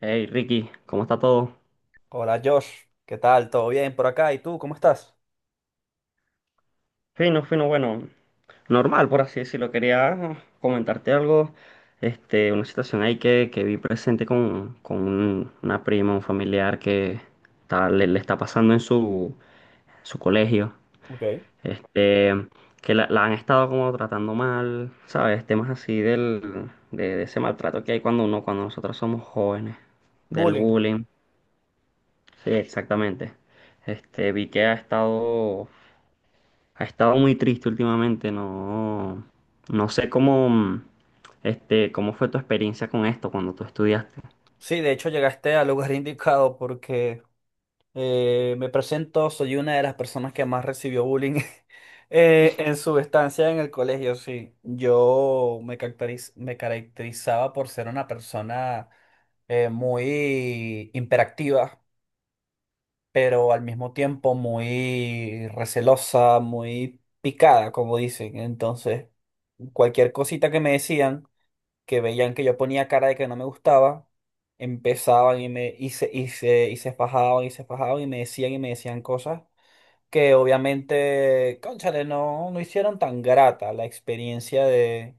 Hey Ricky, ¿cómo está todo? Hola Josh, ¿qué tal? ¿Todo bien por acá? ¿Y tú cómo estás? Fino, fino, bueno, normal por así decirlo. Quería comentarte algo, una situación ahí que vi presente con una prima, un familiar que le está pasando en su colegio, Ok. este, que la han estado como tratando mal, ¿sabes? Temas así de ese maltrato que hay cuando uno, cuando nosotros somos jóvenes, del Bullying. bullying. Sí, exactamente. Este, vi que ha estado Ha estado muy triste últimamente, no, no sé cómo, cómo fue tu experiencia con esto cuando tú estudiaste. Sí, de hecho llegaste al lugar indicado porque me presento, soy una de las personas que más recibió bullying en su estancia en el colegio, sí. Yo me caracterizaba por ser una persona muy hiperactiva, pero al mismo tiempo muy recelosa, muy picada, como dicen. Entonces, cualquier cosita que me decían, que veían que yo ponía cara de que no me gustaba, empezaban y me y se, y se, y se fajaban y me decían cosas que obviamente, cónchale, no hicieron tan grata la experiencia de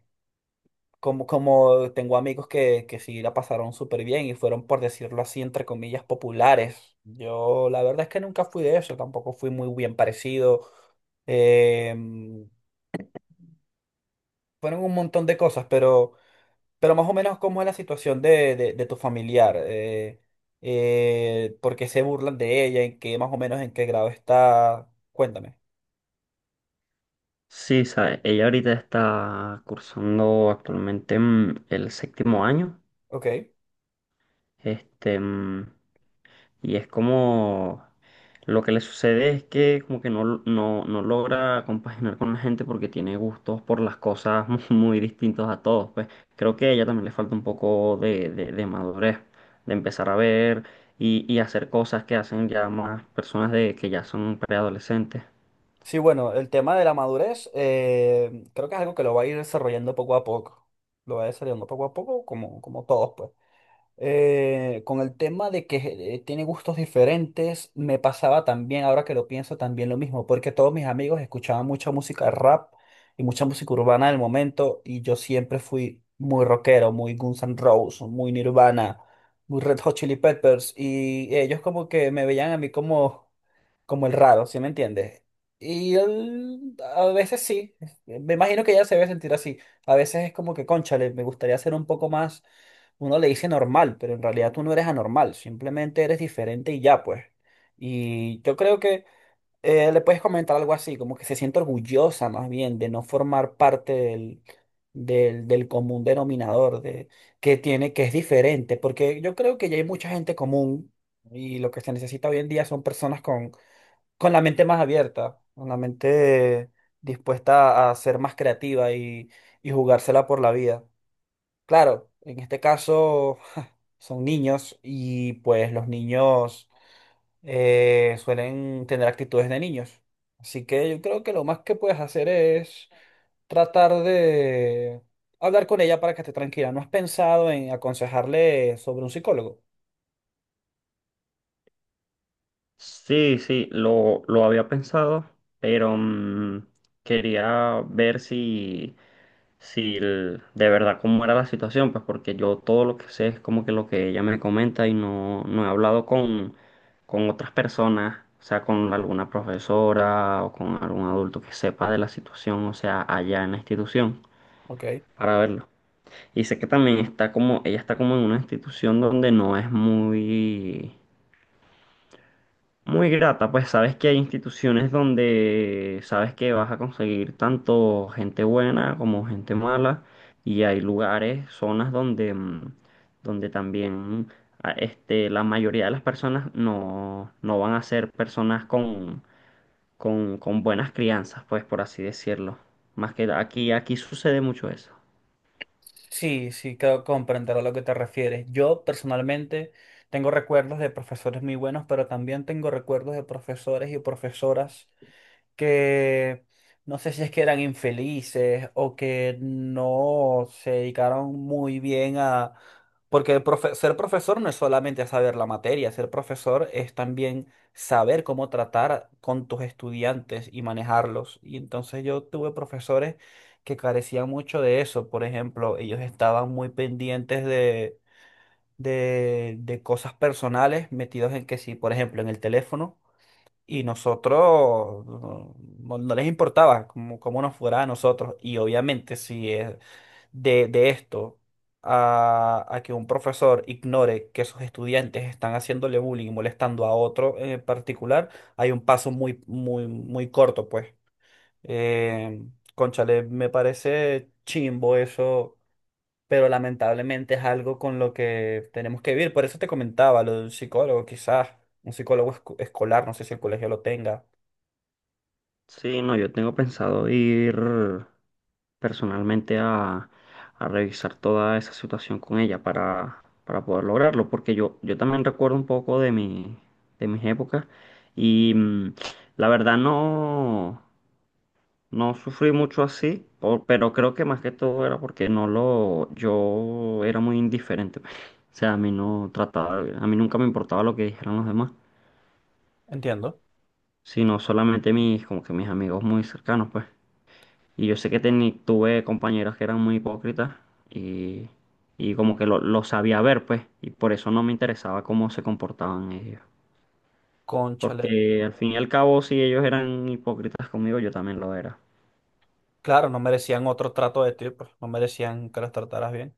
como, como tengo amigos que sí la pasaron súper bien y fueron, por decirlo así, entre comillas, populares. Yo la verdad es que nunca fui de eso, tampoco fui muy bien parecido. Em, Fueron un montón de cosas, pero más o menos cómo es la situación de tu familiar. ¿Por qué se burlan de ella? ¿En qué más o menos en qué grado está? Cuéntame. Sí, sabe, ella ahorita está cursando actualmente el séptimo año. Ok. Este, mm, y es como lo que le sucede es que como que no logra compaginar con la gente porque tiene gustos por las cosas muy, muy distintos a todos. Pues creo que a ella también le falta un poco de madurez, de empezar a ver y hacer cosas que hacen ya más personas de que ya son preadolescentes. Sí, bueno, el tema de la madurez creo que es algo que lo va a ir desarrollando poco a poco. Lo va desarrollando poco a poco, como todos, pues con el tema de que tiene gustos diferentes, me pasaba también, ahora que lo pienso, también lo mismo, porque todos mis amigos escuchaban mucha música rap y mucha música urbana del momento, y yo siempre fui muy rockero, muy Guns N' Roses, muy Nirvana, muy Red Hot Chili Peppers, y ellos como que me veían a mí como el raro, ¿sí me entiendes? Y él, a veces sí, me imagino que ella se debe sentir así. A veces es como que, cónchale, me gustaría ser un poco más, uno le dice normal, pero en realidad tú no eres anormal, simplemente eres diferente y ya, pues. Y yo creo que le puedes comentar algo así, como que se siente orgullosa más bien de no formar parte del común denominador, de que tiene, que es diferente, porque yo creo que ya hay mucha gente común, y lo que se necesita hoy en día son personas con la mente más abierta, con la mente dispuesta a ser más creativa y jugársela por la vida. Claro, en este caso son niños y pues los niños suelen tener actitudes de niños. Así que yo creo que lo más que puedes hacer es tratar de hablar con ella para que esté tranquila. ¿No has pensado en aconsejarle sobre un psicólogo? Sí, sí, lo había pensado, pero quería ver si, de verdad cómo era la situación, pues porque yo todo lo que sé es como que lo que ella me comenta y no, no he hablado con otras personas, o sea, con alguna profesora o con algún adulto que sepa de la situación, o sea, allá en la institución, Ok. para verlo. Y sé que también está como, ella está como en una institución donde no es muy... Muy grata, pues sabes que hay instituciones donde sabes que vas a conseguir tanto gente buena como gente mala y hay lugares, zonas donde, donde también la mayoría de las personas no, no van a ser personas con, con buenas crianzas, pues por así decirlo. Más que aquí, aquí sucede mucho eso. Sí, sí, creo comprender a lo que te refieres. Yo personalmente tengo recuerdos de profesores muy buenos, pero también tengo recuerdos de profesores y profesoras que no sé si es que eran infelices o que no se dedicaron muy bien a... Porque ser profesor no es solamente saber la materia, ser profesor es también saber cómo tratar con tus estudiantes y manejarlos. Y entonces yo tuve profesores que carecían mucho de eso. Por ejemplo, ellos estaban muy pendientes de cosas personales, metidos en que si, por ejemplo, en el teléfono. Y nosotros no les importaba cómo nos fuera a nosotros. Y obviamente si es de esto a que un profesor ignore que sus estudiantes están haciéndole bullying y molestando a otro en particular, hay un paso muy, muy, muy corto, pues. Eh, Cónchale, me parece chimbo eso, pero lamentablemente es algo con lo que tenemos que vivir. Por eso te comentaba lo de un psicólogo, quizás un psicólogo escolar, no sé si el colegio lo tenga. Sí, no, yo tengo pensado ir personalmente a revisar toda esa situación con ella para poder lograrlo, porque yo también recuerdo un poco de mi, de mis épocas y la verdad no, no sufrí mucho así, pero creo que más que todo era porque no lo, yo era muy indiferente. O sea, a mí no trataba, a mí nunca me importaba lo que dijeran los demás, Entiendo. sino solamente mis, como que mis amigos muy cercanos, pues. Y yo sé que tuve compañeras que eran muy hipócritas y, y como que lo sabía ver, pues, y por eso no me interesaba cómo se comportaban ellos. Cónchale. Porque al fin y al cabo, si ellos eran hipócritas conmigo, yo también lo era. Claro, no merecían otro trato de ti, pues no merecían que las trataras bien.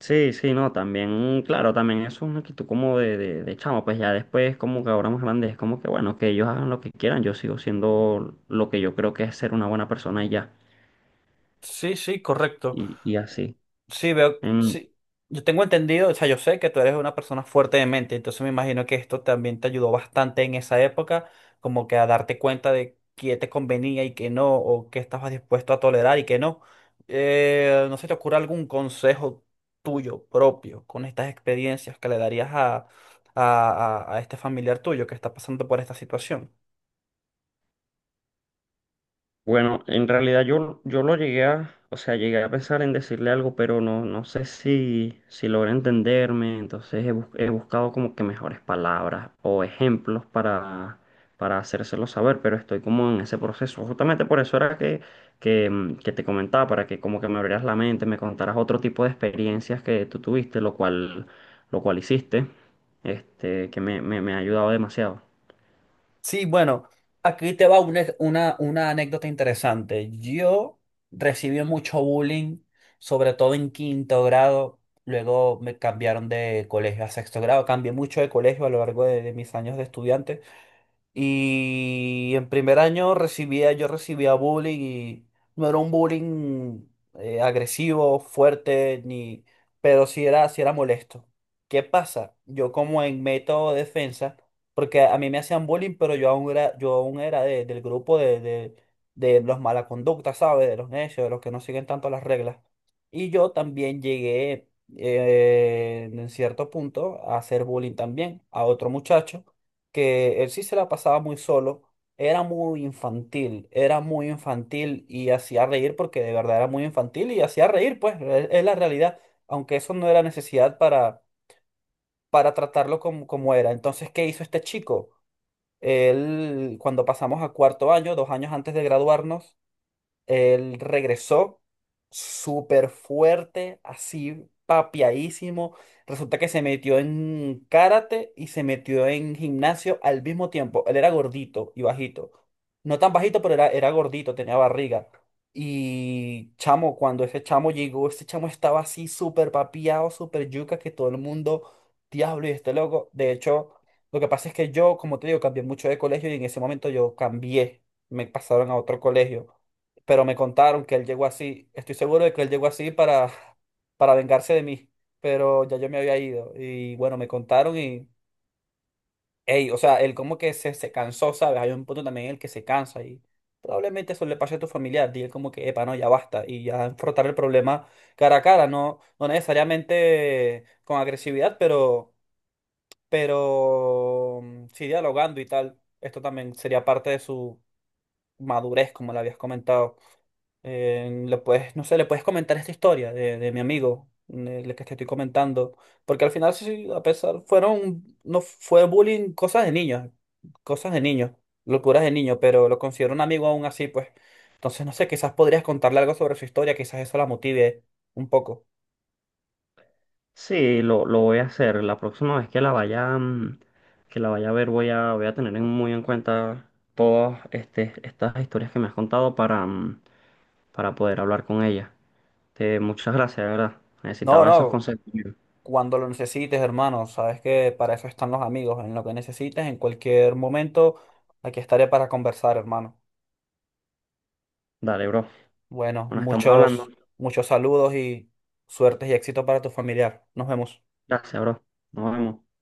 Sí, sí, no, también, claro, también es una actitud como de chamo, pues ya después, como que ahora más grande, es como que bueno, que ellos hagan lo que quieran, yo sigo siendo lo que yo creo que es ser una buena persona y ya, Sí, sí, correcto. Y así. Sí, veo, En- sí. Yo tengo entendido, o sea, yo sé que tú eres una persona fuerte de mente, entonces me imagino que esto también te ayudó bastante en esa época, como que a darte cuenta de qué te convenía y qué no, o qué estabas dispuesto a tolerar y qué no. ¿No se te ocurre algún consejo tuyo propio con estas experiencias que le darías a, a este familiar tuyo que está pasando por esta situación? Bueno, en realidad yo, yo lo llegué a, o sea, llegué a pensar en decirle algo, pero no, no sé si, si logra entenderme, entonces he buscado como que mejores palabras o ejemplos para hacérselo saber, pero estoy como en ese proceso. Justamente por eso era que te comentaba, para que como que me abrieras la mente, me contaras otro tipo de experiencias que tú tuviste, lo cual hiciste, que me ha ayudado demasiado. Sí, bueno, aquí te va una anécdota interesante. Yo recibí mucho bullying, sobre todo en quinto grado. Luego me cambiaron de colegio a sexto grado. Cambié mucho de colegio a lo largo de mis años de estudiante. Y en primer año recibía, yo recibía bullying y no era un bullying agresivo, fuerte, ni, pero sí era molesto. ¿Qué pasa? Yo como en método de defensa, porque a mí me hacían bullying, pero yo aún era del grupo de los mala conducta, ¿sabes? De los necios, de los que no siguen tanto las reglas. Y yo también llegué en cierto punto a hacer bullying también a otro muchacho que él sí se la pasaba muy solo, era muy infantil y hacía reír porque de verdad era muy infantil y hacía reír, pues, es la realidad, aunque eso no era necesidad para tratarlo como, como era. Entonces, ¿qué hizo este chico? Él, cuando pasamos a cuarto año, dos años antes de graduarnos, él regresó súper fuerte, así papiadísimo. Resulta que se metió en karate y se metió en gimnasio al mismo tiempo. Él era gordito y bajito. No tan bajito, pero era, era gordito, tenía barriga. Y chamo, cuando ese chamo llegó, ese chamo estaba así súper papiado, súper yuca, que todo el mundo, diablo, y este loco. De hecho, lo que pasa es que yo, como te digo, cambié mucho de colegio y en ese momento yo cambié. Me pasaron a otro colegio, pero me contaron que él llegó así. Estoy seguro de que él llegó así para vengarse de mí, pero ya yo me había ido. Y bueno, me contaron y, hey, o sea, él como que se cansó, ¿sabes? Hay un punto también en el que se cansa, y probablemente eso le pase a tu familiar. Dile como que, epa, no, ya basta. Y ya enfrentar el problema cara a cara, no, no necesariamente con agresividad, pero sí dialogando y tal. Esto también sería parte de su madurez, como le habías comentado. Le puedes, no sé, le puedes comentar esta historia de mi amigo, la que te estoy comentando, porque al final sí, a pesar, fueron, no fue bullying, cosas de niños, locuras de niños, pero lo considero un amigo aún así, pues. Entonces, no sé, quizás podrías contarle algo sobre su historia, quizás eso la motive un poco. Sí, lo voy a hacer. La próxima vez que la vaya, que la vaya a ver, voy a tener muy en cuenta estas historias que me has contado para, para poder hablar con ella. Muchas gracias, de verdad. No, Necesitaba esos no, consejos. cuando lo necesites, hermano, sabes que para eso están los amigos, en lo que necesites, en cualquier momento, aquí estaré para conversar, hermano. Dale, bro. Bueno, Bueno, estamos hablando. Muchos saludos y suertes y éxito para tu familiar. Nos vemos. Gracias, bro. Nos vemos.